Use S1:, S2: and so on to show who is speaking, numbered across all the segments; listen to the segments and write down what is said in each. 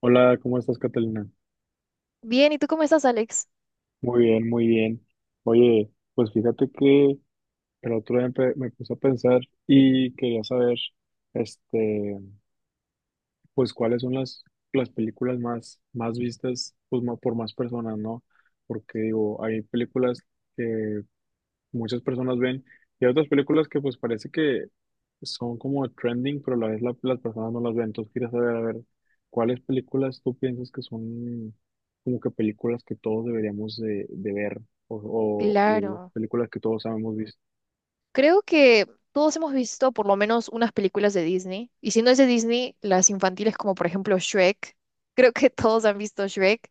S1: Hola, ¿cómo estás, Catalina?
S2: Bien, ¿y tú cómo estás, Alex?
S1: Muy bien, muy bien. Oye, pues fíjate que el otro día me puse a pensar y quería saber, este, pues cuáles son las películas más vistas, pues por más personas, ¿no? Porque digo, hay películas que muchas personas ven y hay otras películas que pues parece que son como trending, pero a la vez las personas no las ven. Entonces quieres saber, a ver, ¿cuáles películas tú piensas que son como que películas que todos deberíamos de ver o, o
S2: Claro.
S1: películas que todos hemos visto?
S2: Creo que todos hemos visto por lo menos unas películas de Disney. Y si no es de Disney, las infantiles como por ejemplo Shrek. Creo que todos han visto Shrek.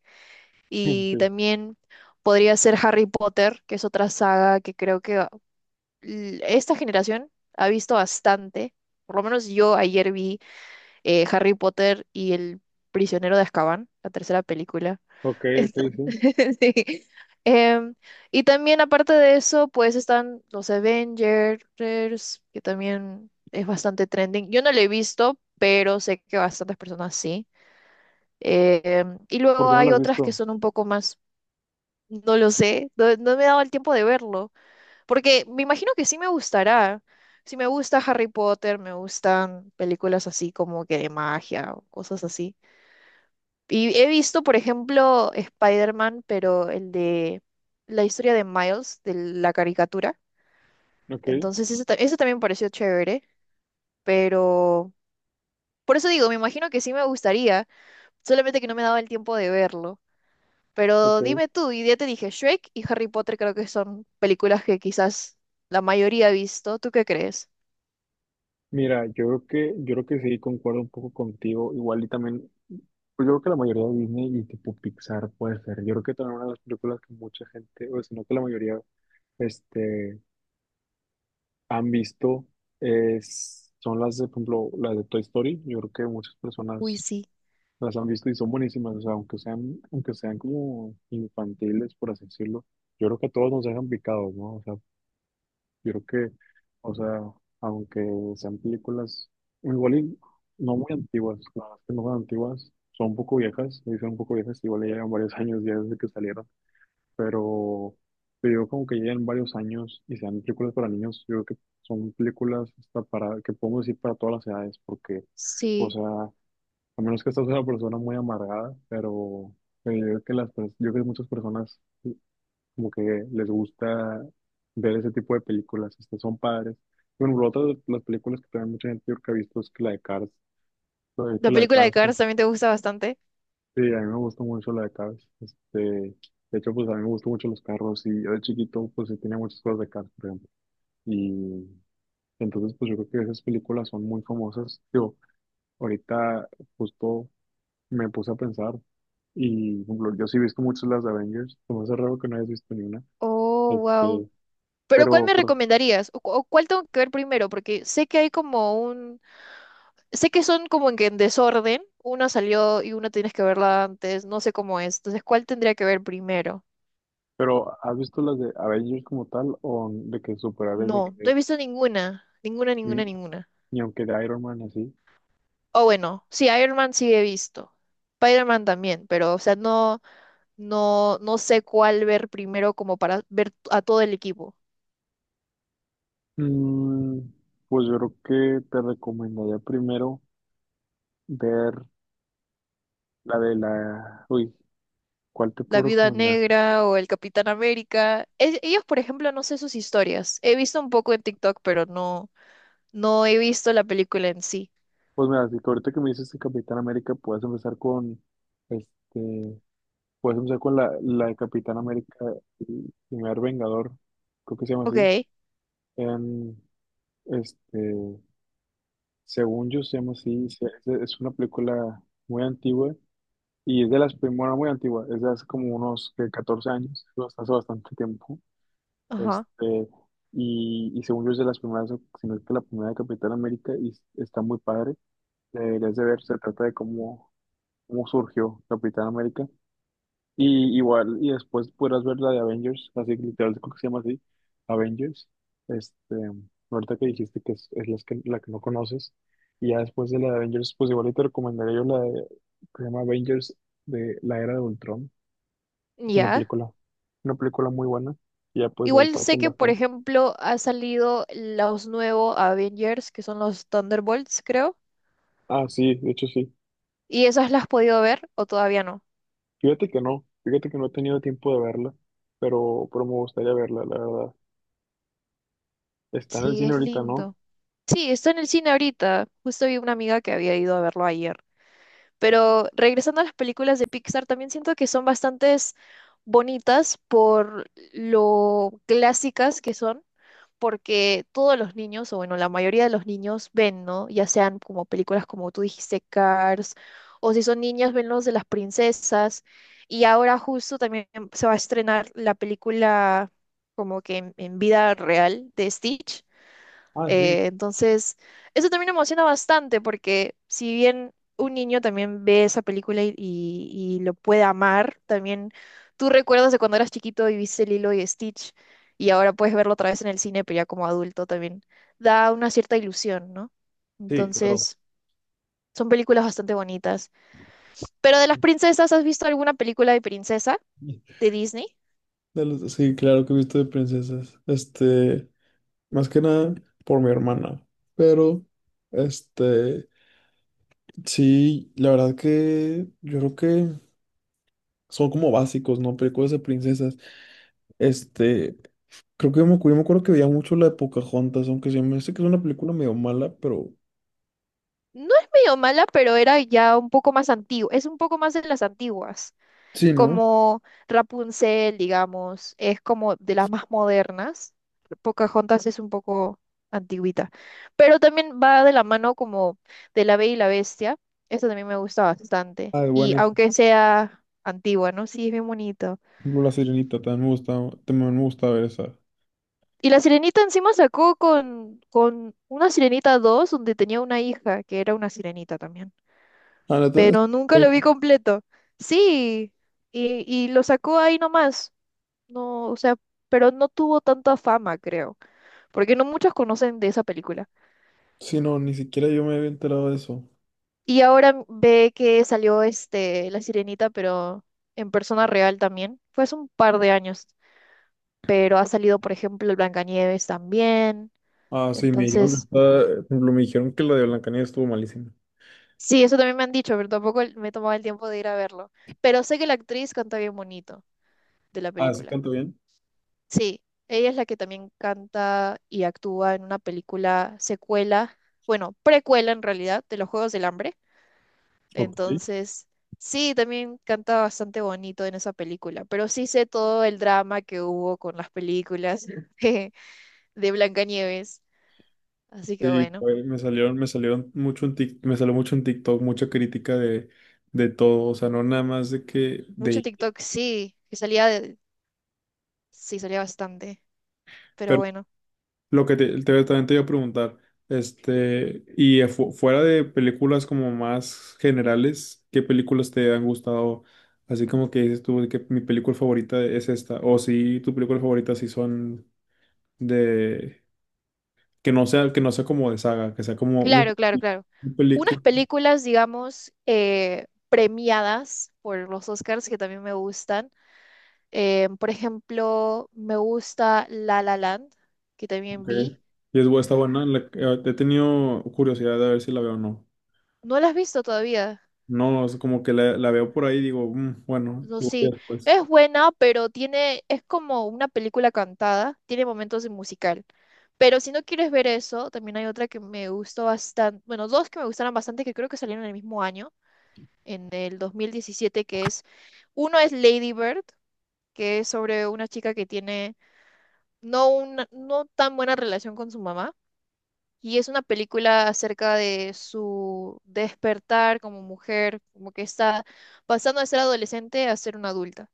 S2: Y
S1: Sí.
S2: también podría ser Harry Potter, que es otra saga que creo que esta generación ha visto bastante. Por lo menos yo ayer vi Harry Potter y El Prisionero de Azkaban, la tercera película.
S1: Ok, ok,
S2: Esto.
S1: sí.
S2: Sí. Em, y también aparte de eso, pues están los Avengers, que también es bastante trending. Yo no lo he visto, pero sé que bastantes personas sí. Y
S1: ¿Por
S2: luego
S1: qué no
S2: hay
S1: las has
S2: otras que
S1: visto?
S2: son un poco más, no lo sé, no, no me he dado el tiempo de verlo, porque me imagino que sí me gustará. Sí me gusta Harry Potter, me gustan películas así como que de magia o cosas así. Y he visto, por ejemplo, Spider-Man, pero el de la historia de Miles, de la caricatura.
S1: Ok,
S2: Entonces, ese también pareció chévere, pero por eso digo, me imagino que sí me gustaría, solamente que no me daba el tiempo de verlo.
S1: ok.
S2: Pero dime tú, y ya te dije, Shrek y Harry Potter creo que son películas que quizás la mayoría ha visto. ¿Tú qué crees?
S1: Mira, yo creo que sí, concuerdo un poco contigo. Igual y también, pues yo creo que la mayoría de Disney y tipo Pixar puede ser. Yo creo que también una de las películas que mucha gente, o si no que la mayoría, este... han visto son las de, por ejemplo, las de Toy Story. Yo creo que muchas
S2: Uy,
S1: personas
S2: sí.
S1: las han visto y son buenísimas. O sea, aunque sean como infantiles, por así decirlo, yo creo que a todos nos dejan picados, ¿no? Yo creo que, o sea, aunque sean películas igual y no muy antiguas, la verdad es que no son antiguas, son un poco viejas, me dicen un poco viejas, igual ya llevan varios años ya desde que salieron, pero yo como que llegan varios años y sean películas para niños, yo creo que son películas hasta para, que podemos decir para todas las edades, porque, o
S2: Sí.
S1: sea, a menos que estás una persona muy amargada, pero yo creo que yo creo que muchas personas mm, como que les gusta ver ese tipo de películas, estas son padres. Bueno, por otra de las películas que también mucha gente yo creo que ha visto es que la de Cars,
S2: La película de Cars
S1: ¿No?
S2: también te gusta bastante.
S1: Sí, a mí me gustó mucho la de Cars. De hecho, pues a mí me gustó mucho los carros y yo de chiquito pues sí tenía muchas cosas de Cars, por ejemplo. Y entonces pues yo creo que esas películas son muy famosas. Yo ahorita justo me puse a pensar y, por ejemplo, yo sí he visto muchas las de Avengers. Como me raro que no hayas visto ni una.
S2: Oh, wow.
S1: Este,
S2: Pero ¿cuál
S1: pero,
S2: me
S1: pero,
S2: recomendarías? ¿O cuál tengo que ver primero? Porque sé que hay como un. Sé que son como en que en desorden. Una salió y una tienes que verla antes. No sé cómo es. Entonces, ¿cuál tendría que ver primero?
S1: pero ¿has visto las de Avengers como tal o de que superhéroes de
S2: No,
S1: que
S2: no he visto ninguna. Ninguna,
S1: ni,
S2: ninguna, ninguna.
S1: ni aunque de Iron Man así?
S2: O bueno, sí, Iron Man sí he visto. Spider-Man también, pero o sea, no, no, no sé cuál ver primero como para ver a todo el equipo.
S1: Mm, pues yo creo que te recomendaría primero ver la de la, uy, ¿cuál te
S2: La
S1: puedo
S2: Viuda
S1: recomendar?
S2: Negra o el Capitán América. Ellos, por ejemplo, no sé sus historias. He visto un poco en TikTok, pero no. No he visto la película en sí.
S1: Pues mira, si que ahorita que me dices de Capitán América, puedes empezar este, con la de Capitán América, el primer Vengador, creo que se llama así.
S2: Ok,
S1: En, este, según yo se llama así, es una película muy antigua y es de las primeras, muy antigua, es de hace como unos ¿qué? 14 años, hace bastante tiempo.
S2: ajá,
S1: Este, y según yo es de las primeras, si no es que la primera de Capitán América, y está muy padre. La deberías de ver, se trata de cómo surgió Capitán América. Y igual, y después podrás ver la de Avengers, así que literal creo que se llama así, Avengers. Este, ahorita que dijiste que es la que no conoces. Y ya después de la de Avengers, pues igual y te recomendaría yo la de, que se llama Avengers de la Era de Ultron. Es una
S2: ya.
S1: película, una película muy buena. Y ya pues de ahí
S2: Igual sé
S1: parten
S2: que, por
S1: bastante.
S2: ejemplo, ha salido los nuevos Avengers, que son los Thunderbolts, creo.
S1: Ah, sí, de hecho sí.
S2: ¿Y esas las has podido ver o todavía no?
S1: Fíjate que no he tenido tiempo de verla, pero me gustaría verla, la verdad. Está en el
S2: Sí,
S1: cine
S2: es
S1: ahorita, ¿no?
S2: lindo. Sí, está en el cine ahorita. Justo vi una amiga que había ido a verlo ayer. Pero regresando a las películas de Pixar, también siento que son bastantes bonitas por lo clásicas que son. Porque todos los niños, o bueno, la mayoría de los niños ven, ¿no? Ya sean como películas como tú dijiste, Cars, o si son niñas, ven los de las princesas. Y ahora justo también se va a estrenar la película como que en, vida real de Stitch.
S1: Ah, sí,
S2: Entonces, eso también emociona bastante porque si bien un niño también ve esa película y lo puede amar, también tú recuerdas de cuando eras chiquito y viste Lilo y Stitch y ahora puedes verlo otra vez en el cine, pero ya como adulto también da una cierta ilusión, ¿no?
S1: sí, claro.
S2: Entonces, son películas bastante bonitas. Pero de las princesas, ¿has visto alguna película de princesa de Disney?
S1: Sí claro que he visto de princesas. Más que nada por mi hermana. Pero, este, sí, la verdad que yo creo que son como básicos, ¿no? Películas de princesas. Este, creo que yo me acuerdo que veía mucho la de Pocahontas, aunque sí me dice que es una película medio mala, pero
S2: No es medio mala, pero era ya un poco más antigua, es un poco más de las antiguas.
S1: sí, ¿no?
S2: Como Rapunzel, digamos, es como de las más modernas. Pocahontas es un poco antiguita, pero también va de la mano como de La Bella y la Bestia. Esto también me gusta bastante.
S1: Ah, es
S2: Y
S1: buenísimo.
S2: aunque sea antigua, ¿no? Sí, es bien bonito.
S1: Por ejemplo, La Sirenita también me gusta ver esa.
S2: Y la sirenita encima sacó con una sirenita 2, donde tenía una hija que era una sirenita también.
S1: Ah, neta,
S2: Pero nunca
S1: eh,
S2: lo vi completo. Sí, y lo sacó ahí nomás. No, o sea, pero no tuvo tanta fama, creo, porque no muchos conocen de esa película.
S1: sí, no, ni siquiera yo me había enterado de eso.
S2: Y ahora ve que salió este La Sirenita, pero en persona real también. Fue hace un par de años, pero ha salido, por ejemplo, el Blancanieves también.
S1: Ah, sí, me dijeron que
S2: Entonces,
S1: está, por ejemplo, me dijeron que la de Blancanieves estuvo malísima.
S2: sí, eso también me han dicho, pero tampoco me tomaba el tiempo de ir a verlo. Pero sé que la actriz canta bien bonito de la
S1: Ah, ¿sí
S2: película.
S1: canta bien?
S2: Sí, ella es la que también canta y actúa en una película secuela, bueno, precuela en realidad, de los Juegos del Hambre.
S1: Ok.
S2: Entonces, sí, también canta bastante bonito en esa película, pero sí sé todo el drama que hubo con las películas de, de Blancanieves. Así que
S1: Sí,
S2: bueno,
S1: me salió mucho en TikTok, mucha crítica de todo, o sea, no nada más de que de
S2: mucho en
S1: ella.
S2: TikTok, sí, que salía sí, salía bastante, pero bueno,
S1: Lo que también te iba a preguntar, y fuera de películas como más generales, ¿qué películas te han gustado? Así como que dices tú de que mi película favorita es esta, o si tu película favorita sí son de, que no sea como de saga, que sea como un,
S2: claro, claro, claro.
S1: un
S2: Unas
S1: película,
S2: películas, digamos, premiadas por los Oscars que también me gustan. Por ejemplo, me gusta La La Land, que
S1: ok.
S2: también vi.
S1: Y está buena, he tenido curiosidad de ver si la veo o no.
S2: ¿No la has visto todavía?
S1: No, es como que la veo por ahí y digo, "Mm, bueno,
S2: No,
S1: igual y
S2: sí,
S1: después."
S2: es buena, pero tiene, es como una película cantada, tiene momentos de musical. Pero si no quieres ver eso, también hay otra que me gustó bastante, bueno, dos que me gustaron bastante que creo que salieron en el mismo año, en el 2017 que es, uno es Lady Bird, que es sobre una chica que tiene no una, no tan buena relación con su mamá, y es una película acerca de su despertar como mujer, como que está pasando de ser adolescente a ser una adulta.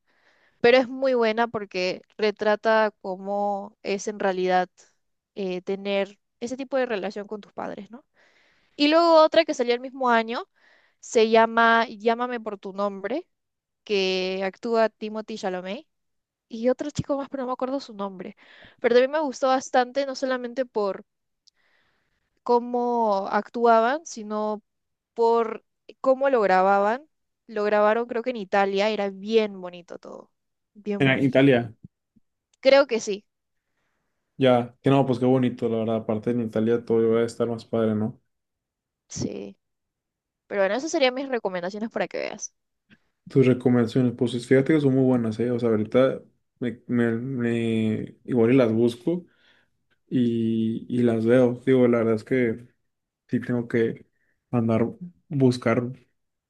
S2: Pero es muy buena porque retrata cómo es en realidad tener ese tipo de relación con tus padres, ¿no? Y luego otra que salió el mismo año se llama Llámame por tu nombre, que actúa Timothy Chalamet y otro chico más, pero no me acuerdo su nombre. Pero también me gustó bastante, no solamente por cómo actuaban, sino por cómo lo grababan. Lo grabaron creo que en Italia, era bien bonito todo, bien
S1: En
S2: bonito.
S1: Italia.
S2: Creo que sí.
S1: Ya, que no, pues qué bonito, la verdad. Aparte en Italia todo va a estar más padre, ¿no?
S2: Sí, pero bueno, esas serían mis recomendaciones para que veas.
S1: Tus recomendaciones, pues fíjate que son muy buenas, ¿eh? O sea, ahorita igual y las busco y las veo. Digo, la verdad es que sí tengo que andar buscar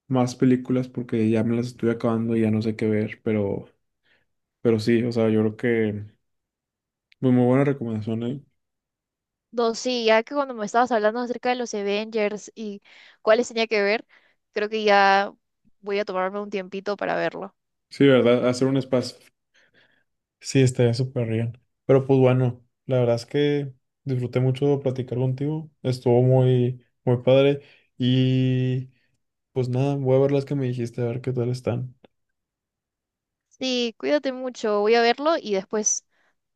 S1: más películas porque ya me las estoy acabando y ya no sé qué ver, pero sí, o sea, yo creo que pues, muy buena recomendación, ¿eh?
S2: Dos, sí, ya que cuando me estabas hablando acerca de los Avengers y cuáles tenía que ver, creo que ya voy a tomarme un tiempito para verlo.
S1: Sí, ¿verdad? Hacer un espacio. Sí, estaría súper bien. Pero pues bueno, la verdad es que disfruté mucho platicar contigo. Estuvo muy, muy padre. Y pues nada, voy a ver las que me dijiste, a ver qué tal están.
S2: Sí, cuídate mucho, voy a verlo y después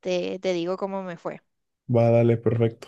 S2: te digo cómo me fue.
S1: Va, dale, perfecto.